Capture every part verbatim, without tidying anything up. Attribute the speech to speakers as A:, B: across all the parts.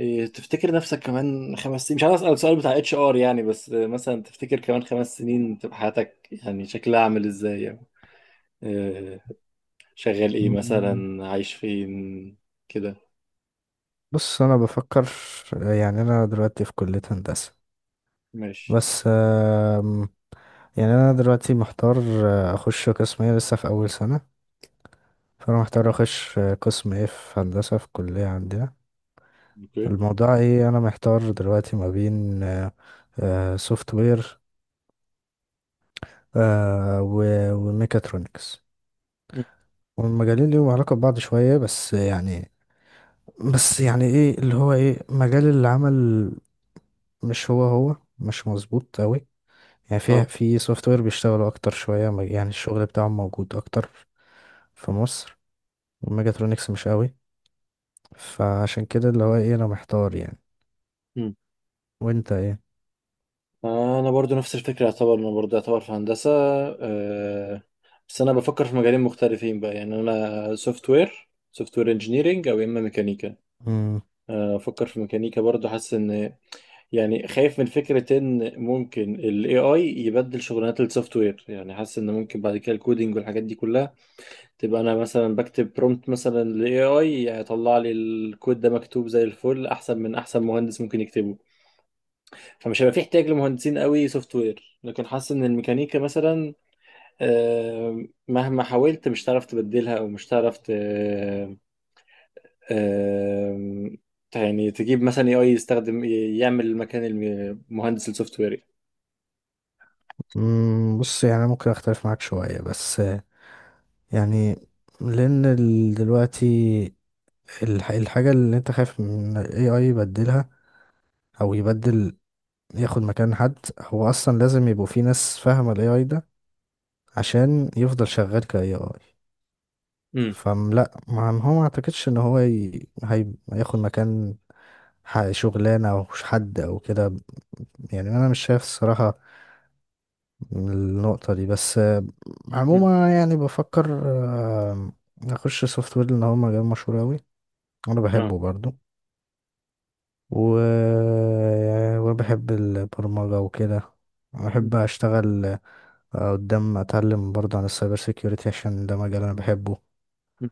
A: إيه، تفتكر نفسك كمان خمس سنين؟ مش عايز اسال السؤال بتاع اتش ار يعني، بس آه، مثلا تفتكر كمان خمس سنين تبقى حياتك يعني شكلها عامل ازاي؟ يعني آه، شغال ايه؟
B: مم،
A: مثلا عايش فين؟ كده.
B: بص انا بفكر. يعني انا دلوقتي في كلية هندسة.
A: ماشي.
B: بس آم، يعني انا دلوقتي محتار آه، اخش قسم ايه، لسه في اول سنة. فانا محتار اخش آه، قسم ايه في هندسة في الكلية عندنا.
A: اوكي.
B: الموضوع ايه، انا محتار دلوقتي ما بين سوفت وير وميكاترونكس.
A: مم.
B: والمجالين ليهم علاقة ببعض شوية، بس يعني بس يعني ايه اللي هو ايه مجال العمل، مش هو هو مش مظبوط قوي. يعني في
A: اه.
B: في سوفت وير بيشتغلوا اكتر شويه، ما- يعني الشغل بتاعهم موجود اكتر في مصر، والميجاترونكس مش قوي. فعشان كده اللي هو ايه انا محتار يعني.
A: مم.
B: وانت ايه؟
A: انا برضو نفس الفكره، يعتبر انا برضو يعتبر في هندسه. آه، بس انا بفكر في مجالين مختلفين بقى، يعني انا سوفت وير، سوفت وير انجينيرنج، او يا اما ميكانيكا.
B: مم.
A: آه، افكر في ميكانيكا برضو، حاسس ان يعني خايف من فكرة ان ممكن ال A I يبدل شغلانات السوفت وير، يعني حاسس ان ممكن بعد كده الكودينج والحاجات دي كلها تبقى انا مثلا بكتب برومبت مثلا لل إيه آي يطلع لي الكود ده مكتوب زي الفل، احسن من احسن مهندس ممكن يكتبه. فمش هيبقى في احتياج لمهندسين قوي سوفت وير، لكن حاسس ان الميكانيكا مثلا آه، مهما حاولت مش هتعرف تبدلها، او مش هتعرف ت- آه، يعني تجيب مثلا إيه آي يستخدم يعمل مكان المهندس السوفت وير.
B: مم. بص يعني أنا ممكن اختلف معاك شويه، بس آه، يعني لان ال- دلوقتي الح- الحاجه اللي انت خايف من الاي اي يبدلها او يبدل، ياخد مكان حد، هو اصلا لازم يبقوا في ناس فاهمه الاي اي ده عشان يفضل شغال كاي اي. فلا ما ما هو ما اعتقدش ان هو ي... هي... هياخد مكان ح- شغلانه او حد او كده. يعني انا مش شايف الصراحه النقطه دي، بس آه،
A: مم.
B: عموما يعني بفكر آه، اخش سوفت وير لان هو مجال مشهور اوي، وانا
A: اه.
B: بحبه برضو، و... وبحب البرمجه وكده،
A: مم.
B: بحب اشتغل. آه، قدام اتعلم برضه عن السايبر سيكيورتي عشان ده مجال انا بحبه.
A: مم.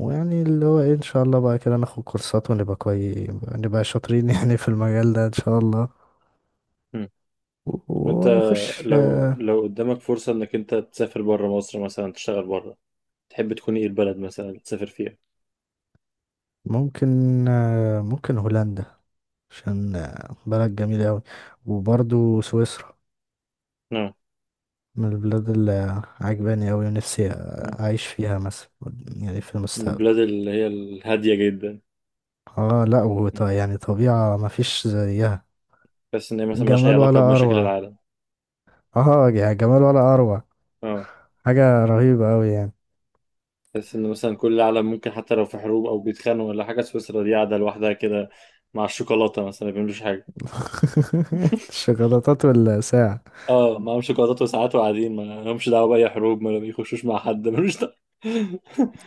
B: ويعني اللي هو ايه ان شاء الله بقى كده ناخد كورسات ونبقى كويس، نبقى شاطرين يعني في المجال ده ان شاء الله.
A: مم.
B: و-
A: وانت،
B: ونخش.
A: لو لو قدامك فرصة انك انت تسافر بره مصر مثلا تشتغل بره، تحب تكون ايه البلد مثلا اللي تسافر فيها؟
B: ممكن ممكن هولندا، عشان بلد جميلة أوي. وبرضو سويسرا
A: اه.
B: من البلاد اللي عجباني أوي، ونفسي
A: مم.
B: أعيش فيها مثلا، يعني في
A: من
B: المستقبل.
A: البلاد اللي هي الهادية جدا؟
B: اه لا وط-
A: مم.
B: يعني طبيعة مفيش زيها،
A: بس ان هي مثلا ملهاش اي
B: جمال
A: علاقة
B: ولا
A: بمشاكل
B: أروع.
A: العالم.
B: اه يعني جمال ولا أروع،
A: اه،
B: حاجة رهيبة أوي يعني.
A: بس ان مثلا كل العالم ممكن حتى لو في حروب او بيتخانقوا ولا حاجة، سويسرا دي قاعدة لوحدها كده مع الشوكولاتة، مثلا ما بيعملوش حاجة.
B: الشوكولاتات والساعة.
A: اه، معاهم شوكولاتات وساعات وقاعدين ما لهمش دعوة بأي حروب، ما بيخشوش مع حد، ملوش دعوة.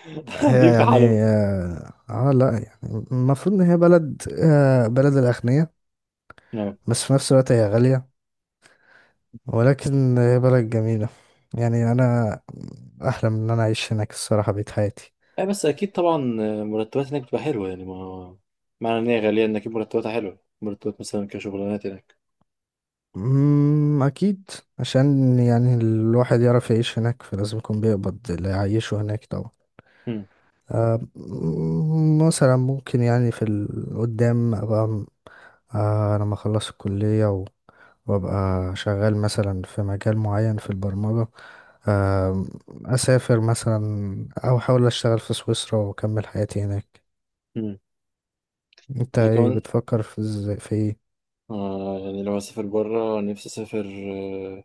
A: قاعدين
B: هي
A: في حالهم.
B: يعني اه آه، لا يعني المفروض ان هي بلد آه بلد الاغنياء،
A: اه.
B: بس في نفس الوقت هي غالية، ولكن هي بلد جميلة. يعني انا احلم ان انا اعيش هناك الصراحة بقيت حياتي.
A: أي، بس اكيد طبعا مرتبات هناك بتبقى حلوه يعني، ما معنى ان هي غاليه ان اكيد مرتباتها حلوه، مرتبات مثلا كشغلانات هناك.
B: أمم، اكيد، عشان يعني الواحد يعرف يعيش هناك فلازم يكون بيقبض اللي يعيشه هناك طبعا.
A: امم.
B: آه، أمم، مثلا ممكن يعني في القدام ابقى آه، لما اخلص الكلية و... وابقى شغال مثلا في مجال معين في البرمجة، آه، اسافر مثلا او احاول اشتغل في سويسرا واكمل حياتي هناك.
A: امم،
B: انت
A: يعني
B: ايه
A: كمان،
B: بتفكر، في ازاي، في ايه؟
A: آه يعني لو اسافر بره نفسي اسافر آه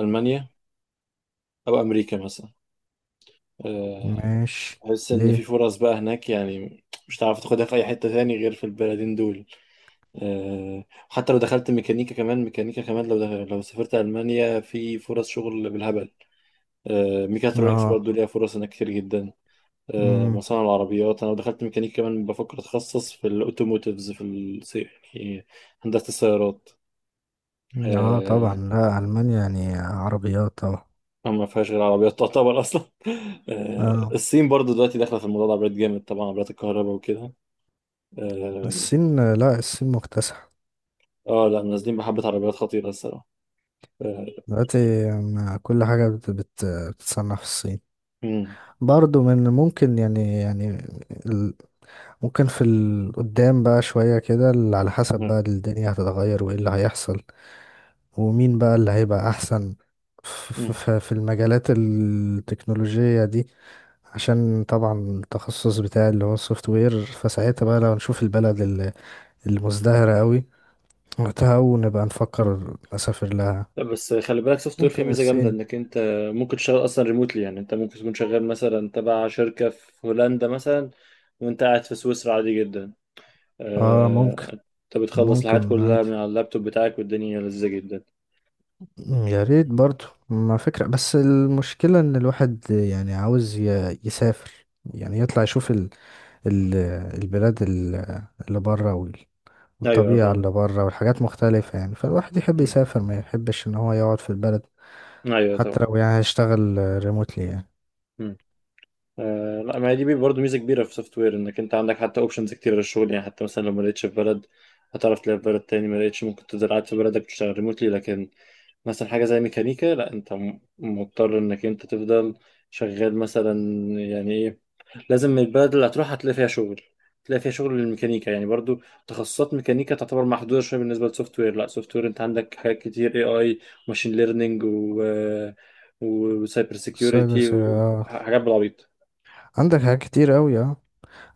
A: المانيا او امريكا مثلا. آه
B: ماشي.
A: احس ان في
B: ليه؟
A: فرص بقى هناك، يعني مش هتعرف تاخدها في اي حته تاني غير في البلدين دول. آه، حتى لو دخلت ميكانيكا كمان، ميكانيكا كمان لو دخل لو سافرت المانيا في فرص شغل بالهبل. آه، ميكاترونكس
B: اه.
A: برضه ليها فرص هناك كتير جدا. آه،
B: امم.
A: مصانع العربيات. انا دخلت ميكانيك كمان بفكر اتخصص في الاوتوموتيفز في الس- يعني هندسه السيارات.
B: اه طبعا،
A: آه،
B: لا المانيا يعني عربيات طبعا.
A: ما فيهاش غير عربيات تعتبر اصلا. آه،
B: اه
A: الصين برضو دلوقتي داخله في الموضوع ده، عربيات جامد طبعا، عربيات الكهرباء وكده. اه.
B: الصين، لا الصين مكتسحة
A: آه، لا، نازلين بحبه، عربيات خطيره الصراحه. آه،
B: دلوقتي. م- كل حاجة بت- بت- بتتصنع في الصين.
A: مم،
B: برضو من ممكن يعني يعني ممكن في القدام بقى شوية كده ال- على حسب
A: مم،
B: بقى الدنيا هتتغير وايه اللي هيحصل، ومين بقى اللي هيبقى أحسن ف- ف-
A: مم،
B: ف- في المجالات التكنولوجية دي. عشان طبعا التخصص بتاعي اللي هو السوفت وير، فساعتها بقى لو نشوف البلد ال- المزدهرة قوي وقتها، ونبقى
A: مم.
B: نفكر نسافر لها.
A: لا، بس خلي بالك سوفت وير فيه
B: ممكن
A: ميزه جامده،
B: الصين.
A: انك انت ممكن تشتغل اصلا ريموتلي، يعني انت ممكن تكون شغال مثلا تبع شركه في هولندا مثلا وانت قاعد في سويسرا عادي جدا.
B: اه ممكن.
A: آه، انت بتخلص الحاجات
B: ممكن
A: كلها
B: عادي.
A: من على اللابتوب بتاعك، والدنيا لذيذة جدا.
B: يا ريت برضو ما فكرة، بس المشكلة ان الواحد يعني عاوز ي- يسافر، يعني يطلع يشوف ال ال البلاد ال- اللي بره وال-
A: ايوه،
B: والطبيعة
A: فاهمة.
B: اللي بره والحاجات مختلفة يعني، فالواحد يحب
A: مم.
B: يسافر ما يحبش ان هو يقعد في البلد،
A: ايوه
B: حتى
A: طبعا.
B: لو يعني هيشتغل ريموتلي يعني.
A: مم. آه لا، ما هي دي برضه ميزه كبيره في سوفت وير، انك انت عندك حتى اوبشنز كتير للشغل، يعني حتى مثلا لو ما لقيتش في بلد هتعرف تلاقي في بلد تاني، ما لقيتش ممكن تفضل قاعد في بلدك تشتغل ريموتلي. لكن مثلا حاجه زي ميكانيكا لا، انت م- مضطر انك انت تفضل شغال مثلا، يعني إيه، لازم البلد اللي هتروح هتلاقي فيها شغل، هتلاقي فيها شغل للميكانيكا، يعني برضو تخصصات ميكانيكا تعتبر محدودة شوية بالنسبة للسوفت وير. لا، سوفت وير انت عندك حاجات كتير، اي، اي، وماشين ليرنينج و وسايبر
B: السايبر
A: سيكيورتي
B: سي- اه،
A: وحاجات بالعبيط.
B: عندك حاجات كتير قوي اه.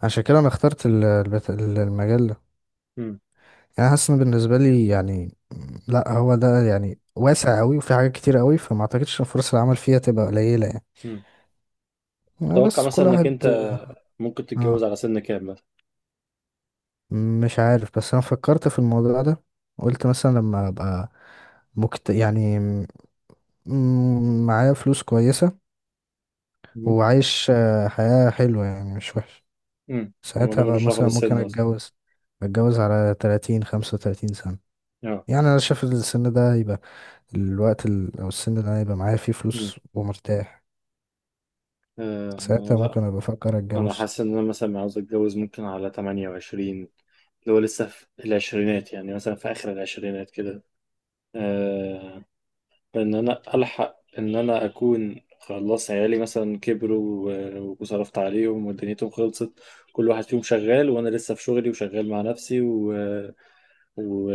B: عشان كده انا اخترت ال- البت- المجال ده.
A: مم.
B: يعني حاسس ان بالنسبه لي يعني لا هو ده يعني واسع قوي، وفي حاجات كتير قوي، فما اعتقدش ان فرص العمل فيها تبقى قليله يعني.
A: مم.
B: آه،
A: توقع
B: بس
A: مثلا
B: كل
A: انك
B: واحد.
A: انت ممكن تتجوز
B: اه
A: على سن كام مثلا؟
B: مش عارف، بس انا فكرت في الموضوع ده. قلت مثلا لما ابقى مكت... يعني م- معايا فلوس كويسه
A: مم.
B: وعايش آه، حياه حلوه يعني مش وحش،
A: مم.
B: ساعتها
A: الموضوع
B: بقى
A: ملوش علاقة
B: مثلا ممكن
A: بالسن اصلا.
B: اتجوز، اتجوز على تلاتين خمسة وتلاتين سنه.
A: اه.
B: يعني انا شايف السن ده هيبقى الوقت ال... او السن ده هيبقى معايا فيه
A: مم.
B: فلوس ومرتاح،
A: آه،
B: ساعتها
A: لا،
B: ممكن ابقى افكر
A: انا
B: اتجوز.
A: حاسس ان انا مثلا عاوز اتجوز ممكن على تمانية وعشرين، اللي هو لسه في العشرينات يعني، مثلا في اخر العشرينات كده. آه، ان انا الحق ان انا اكون خلاص عيالي مثلا كبروا و- وصرفت عليهم ودنيتهم خلصت، كل واحد فيهم شغال وانا لسه في شغلي وشغال مع نفسي و... و...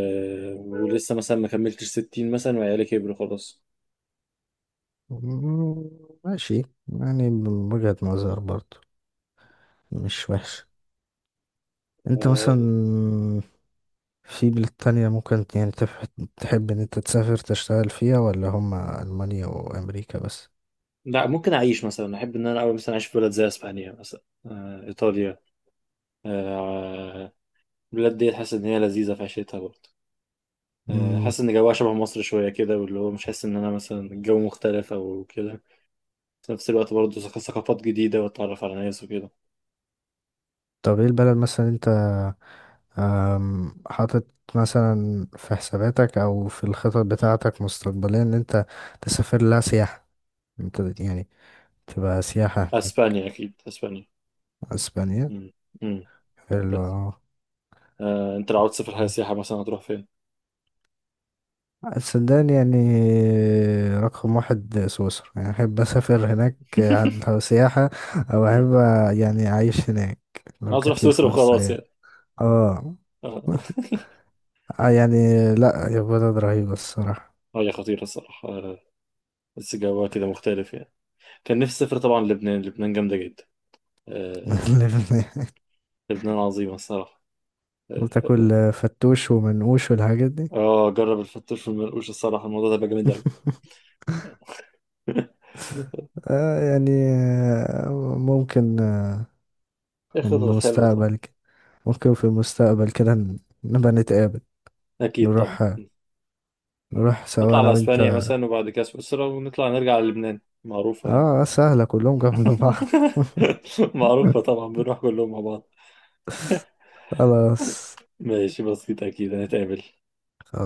A: ولسه مثلا ما كملتش ستين مثلا وعيالي كبروا خلاص.
B: مم، ماشي. يعني من وجهة نظر برضو مش وحش. انت مثلا
A: آه،
B: في بلاد تانية ممكن يعني تف- تحب ان انت تسافر تشتغل فيها، ولا هما المانيا وامريكا بس؟
A: لا، ممكن اعيش مثلا احب ان انا اول مثلا اعيش في بلد زي اسبانيا مثلا، آه، ايطاليا. آه، البلاد دي حاسس ان هي لذيذه في عيشتها برضه. آه،
B: مم.
A: حاسس ان جوها شبه مصر شويه كده، واللي هو مش حاسس ان انا مثلا الجو مختلف او كده. في نفس الوقت برضه ثق- ثقافات جديدة وتتعرف على ناس وكده.
B: طب ايه البلد مثلا انت أم، حاطط مثلا في حساباتك او في الخطط بتاعتك مستقبليا ان انت تسافر لها سياحة، انت يعني تبقى سياحة هناك؟
A: أسبانيا، أكيد أسبانيا.
B: اسبانيا.
A: مم. مم.
B: حلو.
A: بس. آه، أنت لو عاوز تسافر حاجة سياحة مثلا هتروح فين؟
B: السودان يعني، رقم واحد سويسرا يعني، أحب أسافر هناك عن- سياحة، أو
A: مم.
B: أحب يعني أعيش هناك
A: أنا
B: لو
A: عاوز أروح
B: جات لي
A: سويسرا
B: الفرصة
A: وخلاص
B: يعني.
A: يعني.
B: اه.
A: آه.
B: آه يعني لا، يا بلد رهيبة الصراحة.
A: آه، هي خطيرة الصراحة. آه، بس جوها كده مختلف يعني. كان نفسي أسافر طبعا لبنان، لبنان جامدة جدا. آه، لبنان عظيمة الصراحة. آه.
B: وتاكل فتوش ومنقوش والحاجات دي.
A: آه، آه، جرب الفتوش والمنقوش الصراحة، الموضوع ده بقى جامد أوي.
B: آه يعني آه، ممكن آه،
A: إيه،
B: في
A: خطط حلوة طبعا.
B: المستقبل كده، ممكن في المستقبل كده ن- نبقى نتقابل،
A: أكيد طبعا.
B: نروح، نروح
A: نطلع
B: سوا أنا
A: على
B: وأنت.
A: اسبانيا مثلا، وبعد كده سويسرا، ونطلع نرجع على لبنان، معروفة يعني.
B: اه سهلة كلهم جنب بعض.
A: معروفة طبعا، بنروح كلهم مع بعض.
B: خلاص.
A: ماشي، بسيطة، اكيد هنتقابل.